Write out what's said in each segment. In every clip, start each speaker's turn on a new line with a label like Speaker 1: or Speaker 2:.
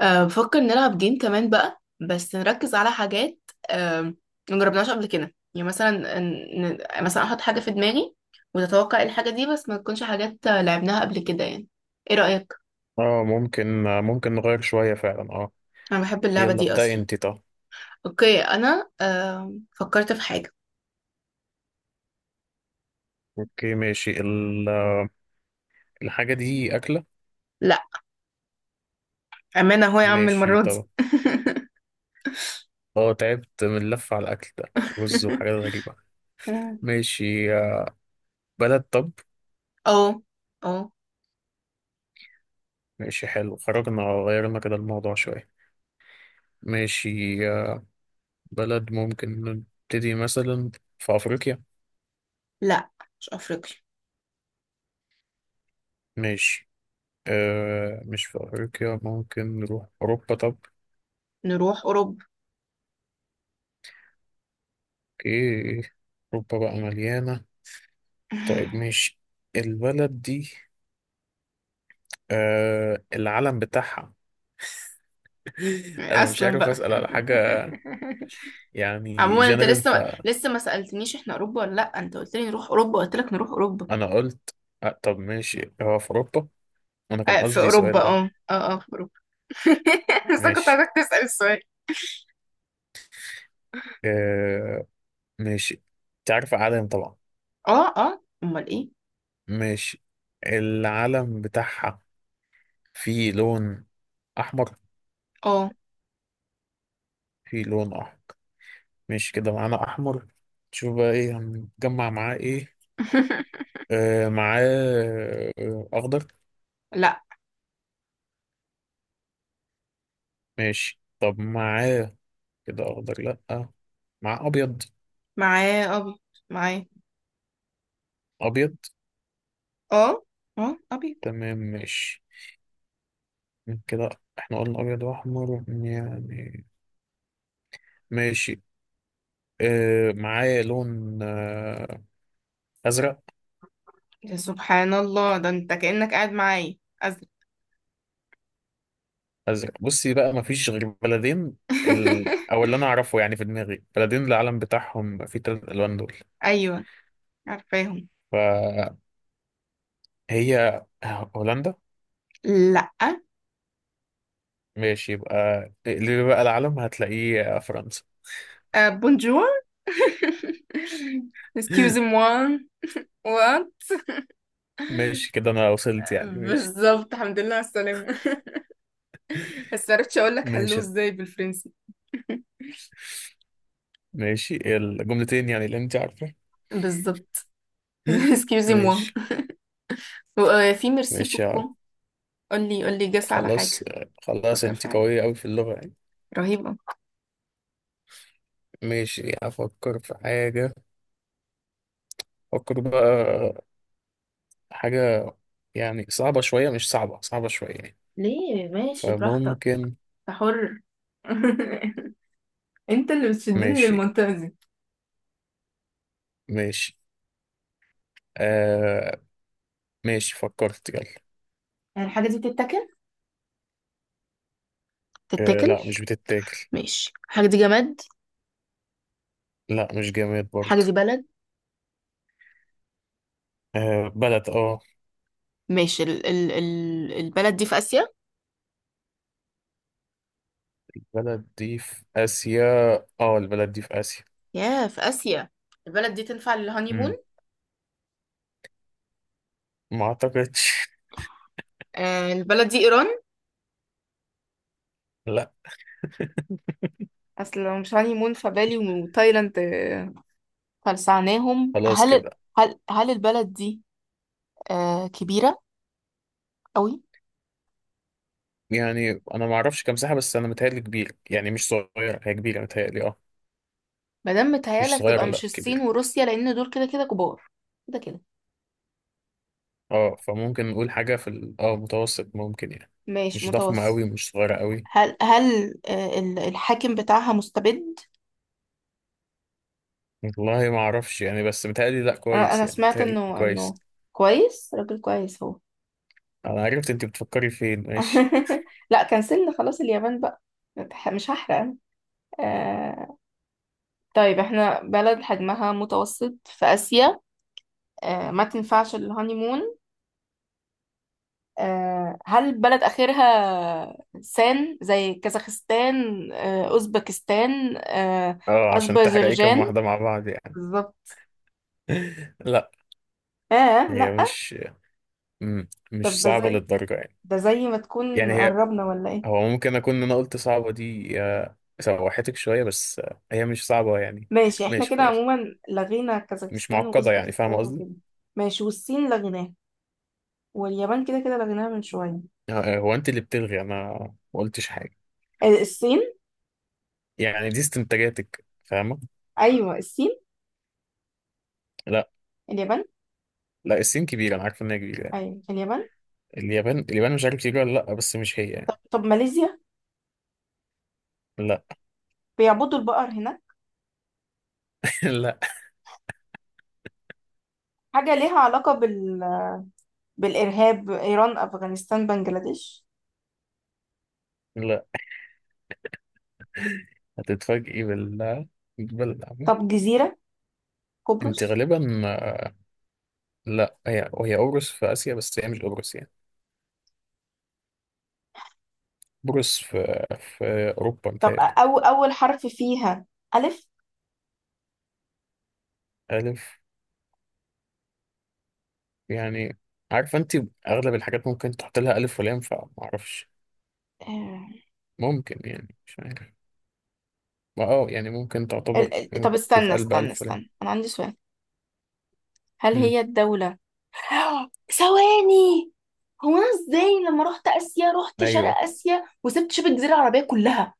Speaker 1: بفكر نلعب جيم كمان بقى، بس نركز على حاجات أه مجربناهاش قبل كده. يعني مثلا مثلا احط حاجة في دماغي وتتوقع إيه الحاجة دي، بس ما تكونش حاجات لعبناها قبل كده. يعني ايه رأيك؟
Speaker 2: اه ممكن نغير شوية فعلا
Speaker 1: انا بحب اللعبة
Speaker 2: يلا
Speaker 1: دي
Speaker 2: ابدأي
Speaker 1: اصلا.
Speaker 2: انت طب.
Speaker 1: اوكي انا فكرت في حاجة.
Speaker 2: اوكي ماشي الحاجة دي أكلة.
Speaker 1: لا، امانة اهو يا عم
Speaker 2: ماشي
Speaker 1: المرة دي.
Speaker 2: طب. اه تعبت من اللف على الأكل ده، رز وحاجات غريبة. ماشي. بلد طب.
Speaker 1: اه. اه.
Speaker 2: ماشي حلو، خرجنا غيرنا كده الموضوع شوية. ماشي. آه، بلد ممكن نبتدي مثلا في أفريقيا.
Speaker 1: لا، مش افريقيا.
Speaker 2: ماشي. مش في أفريقيا، ممكن نروح أوروبا طب.
Speaker 1: نروح اوروبا.
Speaker 2: اوكي. أوروبا بقى مليانة. طيب ماشي، البلد دي العلم بتاعها. انا مش
Speaker 1: اصلا
Speaker 2: عارف
Speaker 1: بقى.
Speaker 2: اسال على حاجه، يعني
Speaker 1: عموما انت
Speaker 2: جنرال
Speaker 1: لسه
Speaker 2: فانا.
Speaker 1: لسه ما سألتنيش احنا اوروبا ولا لا. انت قلت لي نروح اوروبا، قلت لك نروح اوروبا.
Speaker 2: قلت طب ماشي هو في اوروبا. انا كان
Speaker 1: آه، في
Speaker 2: قصدي
Speaker 1: اوروبا.
Speaker 2: سؤال اه
Speaker 1: اه اه اه في اوروبا. بس أنا كنت
Speaker 2: ماشي.
Speaker 1: عايزك تسأل السؤال.
Speaker 2: آه ماشي. تعرف علم طبعا.
Speaker 1: اه. اه. امال ايه.
Speaker 2: ماشي. العلم بتاعها فيه لون احمر.
Speaker 1: اه.
Speaker 2: فيه لون احمر. ماشي كده معانا احمر. شوف بقى ايه هنجمع معاه ايه. معاه اخضر.
Speaker 1: لا.
Speaker 2: ماشي طب معاه كده اخضر لا، مع ابيض.
Speaker 1: معاه ابيض. معاه.
Speaker 2: ابيض.
Speaker 1: اه. اه ابيض.
Speaker 2: تمام ماشي كده. احنا قلنا ابيض واحمر يعني. ماشي. اه معايا لون ازرق.
Speaker 1: يا سبحان الله، ده انت كأنك قاعد معايا. ازرق.
Speaker 2: ازرق، بصي بقى مفيش غير بلدين. او اللي انا اعرفه يعني في دماغي بلدين، العلم بتاعهم في 3 الوان دول.
Speaker 1: ايوه، عارفاهم.
Speaker 2: فهي هولندا.
Speaker 1: لا.
Speaker 2: ماشي، يبقى اللي بقى العلم هتلاقيه فرنسا.
Speaker 1: آه، بونجور. excuse moi. what؟
Speaker 2: ماشي كده انا وصلت يعني، ماشي
Speaker 1: بالظبط، الحمد لله على السلامة. بس عرفتش اقول لك هلو
Speaker 2: ماشي.
Speaker 1: ازاي بالفرنسي.
Speaker 2: ماشي، إيه الجملتين يعني اللي انت عارفة؟
Speaker 1: بالظبط. excusez moi.
Speaker 2: ماشي.
Speaker 1: وفي ميرسي
Speaker 2: ماشي
Speaker 1: بوكو. قولي قولي، جس على
Speaker 2: خلاص.
Speaker 1: حاجة.
Speaker 2: خلاص،
Speaker 1: فكر
Speaker 2: انت
Speaker 1: في حاجة
Speaker 2: قوية أوي في اللغة يعني.
Speaker 1: رهيبة.
Speaker 2: ماشي، أفكر في حاجة. أفكر بقى حاجة يعني صعبة شوية، مش صعبة صعبة شوية يعني.
Speaker 1: ليه؟ ماشي براحتك،
Speaker 2: فممكن.
Speaker 1: أنت حر. انت اللي بتشدني
Speaker 2: ماشي.
Speaker 1: للمنطقة دي.
Speaker 2: ماشي. آه ماشي فكرت، يلا.
Speaker 1: يعني الحاجة دي بتتاكل،
Speaker 2: آه،
Speaker 1: تتاكل؟
Speaker 2: لا مش بتتاكل.
Speaker 1: ماشي، الحاجة دي جماد؟
Speaker 2: لا مش جماد برضه.
Speaker 1: الحاجة دي بلد؟
Speaker 2: آه بلد،
Speaker 1: ماشي، ال ال ال البلد دي في آسيا؟
Speaker 2: بلد دي في آسيا، اه البلد دي في آسيا.
Speaker 1: يا، في آسيا. البلد دي تنفع
Speaker 2: مم.
Speaker 1: للهانيمون؟
Speaker 2: ما أعتقدش.
Speaker 1: البلد دي إيران؟
Speaker 2: لا.
Speaker 1: أصل لو مش هانيمون فبالي وتايلاند. فلسعناهم.
Speaker 2: خلاص كده.
Speaker 1: هل البلد دي كبيرة قوي؟
Speaker 2: يعني انا ما اعرفش كام ساحه، بس انا متهيألي كبير يعني مش صغير، هي كبيره متهيألي اه
Speaker 1: مادام
Speaker 2: مش
Speaker 1: متهيألك تبقى
Speaker 2: صغيره
Speaker 1: مش
Speaker 2: لا،
Speaker 1: الصين
Speaker 2: كبيره.
Speaker 1: وروسيا، لأن دول كده كده كبار. كده كده.
Speaker 2: اه فممكن نقول حاجه في متوسط ممكن يعني.
Speaker 1: ماشي،
Speaker 2: مش ضخمه
Speaker 1: متوسط.
Speaker 2: قوي مش صغيره قوي.
Speaker 1: هل الحاكم بتاعها مستبد؟
Speaker 2: والله ما اعرفش يعني، بس متهيألي لا كويس
Speaker 1: أنا
Speaker 2: يعني،
Speaker 1: سمعت
Speaker 2: متهيألي كويس.
Speaker 1: إنه كويس، راجل كويس هو.
Speaker 2: انا عرفت انت بتفكري فين، ماشي.
Speaker 1: لا كنسلنا، خلاص اليابان بقى. مش هحرق أنا. آه طيب احنا بلد حجمها متوسط في آسيا ما تنفعش الهانيمون. هل بلد آخرها سان، زي كازاخستان، أوزبكستان،
Speaker 2: اه عشان تحرقي كام
Speaker 1: أذربيجان؟
Speaker 2: واحده مع بعض يعني.
Speaker 1: بالظبط.
Speaker 2: لا.
Speaker 1: آه.
Speaker 2: هي
Speaker 1: لأ.
Speaker 2: مش
Speaker 1: طب
Speaker 2: مش صعبه للدرجه يعني.
Speaker 1: ده زي ما تكون
Speaker 2: يعني هي
Speaker 1: قربنا ولا إيه؟
Speaker 2: هو ممكن اكون انا قلت صعبة دي، سوحتك شوية بس، هي مش صعبة يعني.
Speaker 1: ماشي، إحنا
Speaker 2: ماشي
Speaker 1: كده
Speaker 2: خلاص.
Speaker 1: عموما لغينا
Speaker 2: مش
Speaker 1: كازاخستان
Speaker 2: معقدة يعني، فاهمة
Speaker 1: وأوزبكستان
Speaker 2: قصدي.
Speaker 1: وكده. ماشي، والصين لغيناها، واليابان كده كده لغيناها من شوية.
Speaker 2: هو انت اللي بتلغي، انا ما قلتش حاجة.
Speaker 1: آه، الصين.
Speaker 2: يعني دي استنتاجاتك، فاهمة.
Speaker 1: أيوه الصين.
Speaker 2: لا.
Speaker 1: اليابان.
Speaker 2: لا الصين كبيرة، انا عارف انها كبيرة يعني.
Speaker 1: أيوه اليابان.
Speaker 2: اليابان مش عارف كبيرة ولا لا، بس مش هي يعني.
Speaker 1: طب ماليزيا؟
Speaker 2: لا.
Speaker 1: بيعبدوا البقر هناك؟
Speaker 2: لا.
Speaker 1: حاجة ليها علاقة بالإرهاب؟ إيران؟ أفغانستان؟ بنجلاديش؟
Speaker 2: لا هتتفاجئي بالعمل.
Speaker 1: طب جزيرة؟
Speaker 2: انت
Speaker 1: قبرص؟
Speaker 2: غالبا، لا، هي قبرص في اسيا، بس هي مش قبرص يعني. قبرص في اوروبا
Speaker 1: طب
Speaker 2: متهيألي.
Speaker 1: أول حرف فيها ألف؟
Speaker 2: ألف. يعني عارفة انت، اغلب الحاجات ممكن تحط لها الف ولام، فمعرفش.
Speaker 1: آه،
Speaker 2: ممكن يعني، مش عارف، ما يعني ممكن تعتبر
Speaker 1: طب استنى
Speaker 2: تتقال
Speaker 1: استنى
Speaker 2: بألف ولام.
Speaker 1: استنى، أنا عندي سؤال. هل
Speaker 2: مم.
Speaker 1: هي الدولة؟ ثواني. هو أنا إزاي لما رحت آسيا، رحت
Speaker 2: ايوه
Speaker 1: شرق آسيا وسبت شبه الجزيرة العربية كلها؟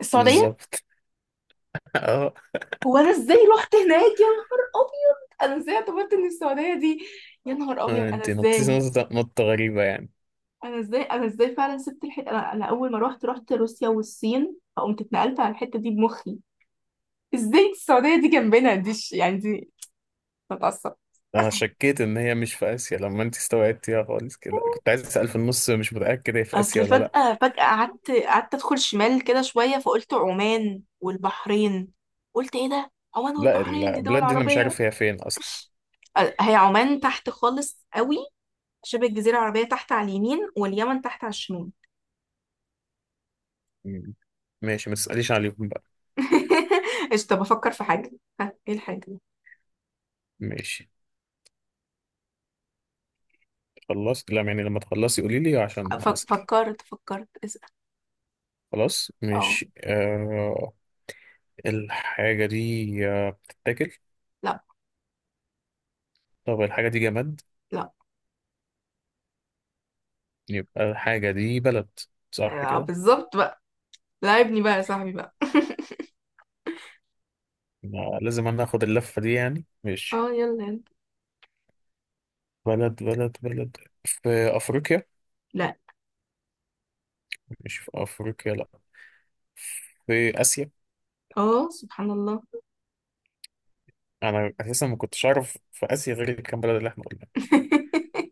Speaker 1: السعودية.
Speaker 2: بالظبط. اه.
Speaker 1: هو أنا إزاي رحت هناك؟ يا نهار أبيض. أنا إزاي اعتبرت إن السعودية دي. يا نهار أبيض، أنا
Speaker 2: انت
Speaker 1: إزاي.
Speaker 2: نطيتي نطة نطة غريبة يعني.
Speaker 1: انا ازاي فعلا سبت الحته. أنا اول ما روحت رحت روسيا والصين، فقمت اتنقلت على الحته دي بمخي. ازاي السعوديه دي جنبنا دي يعني دي بتعصب.
Speaker 2: انا شكيت ان هي مش في اسيا، لما انت استوعبتيها خالص كده كنت عايز اسأل في النص، مش متأكد هي في اسيا
Speaker 1: اصل
Speaker 2: ولا لا.
Speaker 1: فجاه فجاه قعدت ادخل شمال كده شويه، فقلت عمان والبحرين. قلت ايه ده، عمان
Speaker 2: لا،
Speaker 1: والبحرين دي دول
Speaker 2: البلاد دي انا مش
Speaker 1: عربيه.
Speaker 2: عارف هي فين اصلا.
Speaker 1: هي عمان تحت خالص قوي، شبه الجزيره العربيه تحت على اليمين واليمن تحت على الشمال.
Speaker 2: مم. ماشي، ما تسأليش عليهم بقى.
Speaker 1: ايش، طب افكر في حاجه. ها ايه الحاجه.
Speaker 2: ماشي خلصت لا يعني، لما تخلصي قولي لي عشان اسأل.
Speaker 1: فكرت اسأل.
Speaker 2: خلاص.
Speaker 1: اه.
Speaker 2: مش آه الحاجة دي، بتتاكل.
Speaker 1: لا.
Speaker 2: طب الحاجة دي جماد.
Speaker 1: لا.
Speaker 2: يبقى الحاجة دي بلد، صح
Speaker 1: آه،
Speaker 2: كده.
Speaker 1: بالظبط بقى. لعبني بقى يا صاحبي بقى.
Speaker 2: ما لازم أنا آخد اللفة دي يعني، ماشي.
Speaker 1: اه، يلا يلا.
Speaker 2: بلد بلد بلد، في أفريقيا.
Speaker 1: لا.
Speaker 2: مش في أفريقيا لأ، في آسيا.
Speaker 1: اه، سبحان الله.
Speaker 2: أنا أساسا ما كنتش أعرف في آسيا غير الكام بلد اللي إحنا قلناها.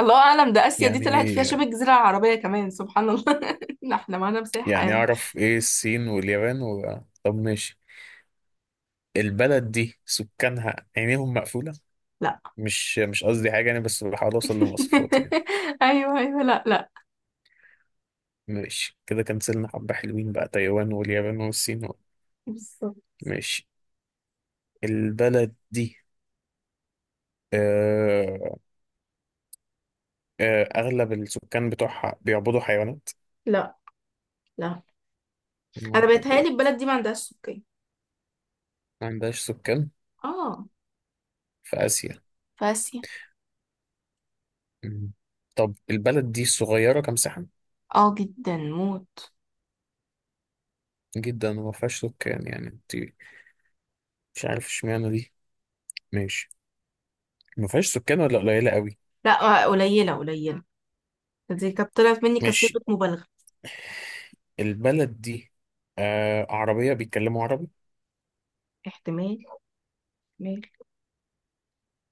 Speaker 1: الله اعلم، ده اسيا دي طلعت
Speaker 2: يعني
Speaker 1: فيها شبه الجزيره العربيه كمان، سبحان الله. لا، احنا معانا مساحه
Speaker 2: يعني
Speaker 1: يعني.
Speaker 2: أعرف إيه الصين واليابان و... طب ماشي، البلد دي سكانها عينيهم مقفولة؟
Speaker 1: لا.
Speaker 2: مش قصدي حاجة يعني، بس بحاول أوصل لمواصفات يعني.
Speaker 1: ايوه ايوه. لا لا.
Speaker 2: ماشي، كده كنسلنا حبة حلوين بقى، تايوان واليابان والصين.
Speaker 1: بالظبط.
Speaker 2: ماشي. البلد دي، آه أغلب السكان بتوعها بيعبدوا حيوانات.
Speaker 1: لا لا.
Speaker 2: يا
Speaker 1: انا
Speaker 2: نهار أبيض.
Speaker 1: بيتهيألي البلد دي ما عندهاش سكان.
Speaker 2: ما عندهاش سكان،
Speaker 1: اه،
Speaker 2: في آسيا.
Speaker 1: في اسيا.
Speaker 2: مم. طب البلد دي صغيرة كمساحة،
Speaker 1: اه جدا موت.
Speaker 2: جدا وما فيهاش سكان يعني انت، مش عارف اشمعنى دي. ماشي. ما فيهاش سكان ولا قليلة قوي؟
Speaker 1: لا، آه، قليله قليله. دي كانت طلعت مني كصيغه
Speaker 2: ماشي،
Speaker 1: مبالغه.
Speaker 2: البلد دي عربية بيتكلموا عربي.
Speaker 1: احتمال، احتمال.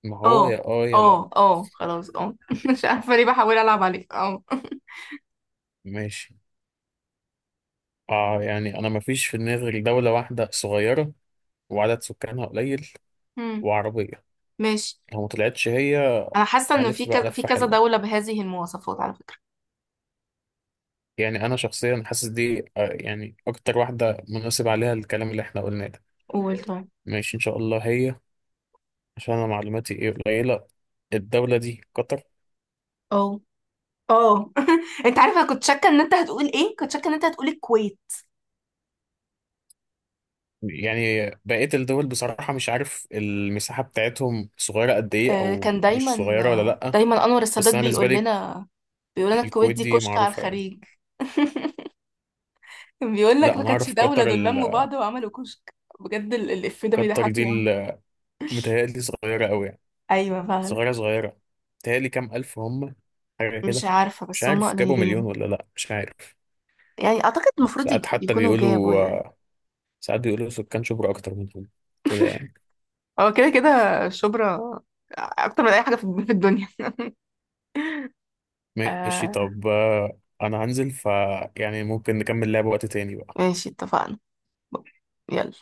Speaker 2: ما هو
Speaker 1: اه
Speaker 2: يا يا لا.
Speaker 1: اه اه خلاص اه. مش عارفة ليه بحاول ألعب عليك. اه.
Speaker 2: ماشي. يعني أنا مفيش في دماغي غير دولة واحدة صغيرة، وعدد سكانها قليل،
Speaker 1: مم.
Speaker 2: وعربية.
Speaker 1: ماشي.
Speaker 2: لو ما طلعتش هي،
Speaker 1: أنا حاسة إنه في
Speaker 2: هلف بقى
Speaker 1: كذا، في
Speaker 2: لفة
Speaker 1: كذا
Speaker 2: حلوة.
Speaker 1: دولة بهذه المواصفات على فكرة.
Speaker 2: يعني أنا شخصيا حاسس دي يعني أكتر واحدة مناسب عليها الكلام اللي إحنا قلناه ده.
Speaker 1: قول طيب.
Speaker 2: ماشي إن شاء الله هي، عشان أنا معلوماتي إيه قليلة. الدولة دي قطر.
Speaker 1: اه اه. انت عارفة، أنا كنت شاكة ان انت هتقول ايه، كنت شاكة ان انت هتقول الكويت.
Speaker 2: يعني بقية الدول بصراحة مش عارف المساحة بتاعتهم صغيرة قد إيه
Speaker 1: آه
Speaker 2: أو
Speaker 1: كان
Speaker 2: مش
Speaker 1: دايما
Speaker 2: صغيرة ولا
Speaker 1: آه
Speaker 2: لأ.
Speaker 1: دايما انور
Speaker 2: بس
Speaker 1: السادات
Speaker 2: أنا بالنسبة
Speaker 1: بيقول
Speaker 2: لي،
Speaker 1: لنا. بيقول لنا الكويت
Speaker 2: الكويت
Speaker 1: دي
Speaker 2: دي
Speaker 1: كشك على
Speaker 2: معروفة يعني.
Speaker 1: الخليج. كان بيقول لك
Speaker 2: لا،
Speaker 1: ما
Speaker 2: أنا
Speaker 1: كانتش
Speaker 2: أعرف
Speaker 1: دولة،
Speaker 2: قطر
Speaker 1: دول
Speaker 2: ال...
Speaker 1: لموا بعض وعملوا كشك. بجد الإف ده
Speaker 2: قطر دي
Speaker 1: بيضحكني أوي.
Speaker 2: متهيألي صغيرة أوي يعني،
Speaker 1: أيوة فعلا.
Speaker 2: صغيرة صغيرة، متهيألي كام ألف هم، حاجة
Speaker 1: مش
Speaker 2: كده.
Speaker 1: عارفة
Speaker 2: مش
Speaker 1: بس هما
Speaker 2: عارف جابوا مليون
Speaker 1: قليلين.
Speaker 2: ولا لأ، مش عارف.
Speaker 1: يعني اعتقد المفروض
Speaker 2: ساعات حتى
Speaker 1: يكونوا جابوا
Speaker 2: بيقولوا،
Speaker 1: يعني.
Speaker 2: ساعات بيقولوا سكان شبرا أكتر منهم كده يعني.
Speaker 1: هو كده كده شبرا اكتر من اي حاجه في الدنيا.
Speaker 2: ماشي
Speaker 1: آه.
Speaker 2: طب، أنا هنزل. يعني ممكن نكمل لعب وقت تاني بقى.
Speaker 1: ماشي اتفقنا. يلا.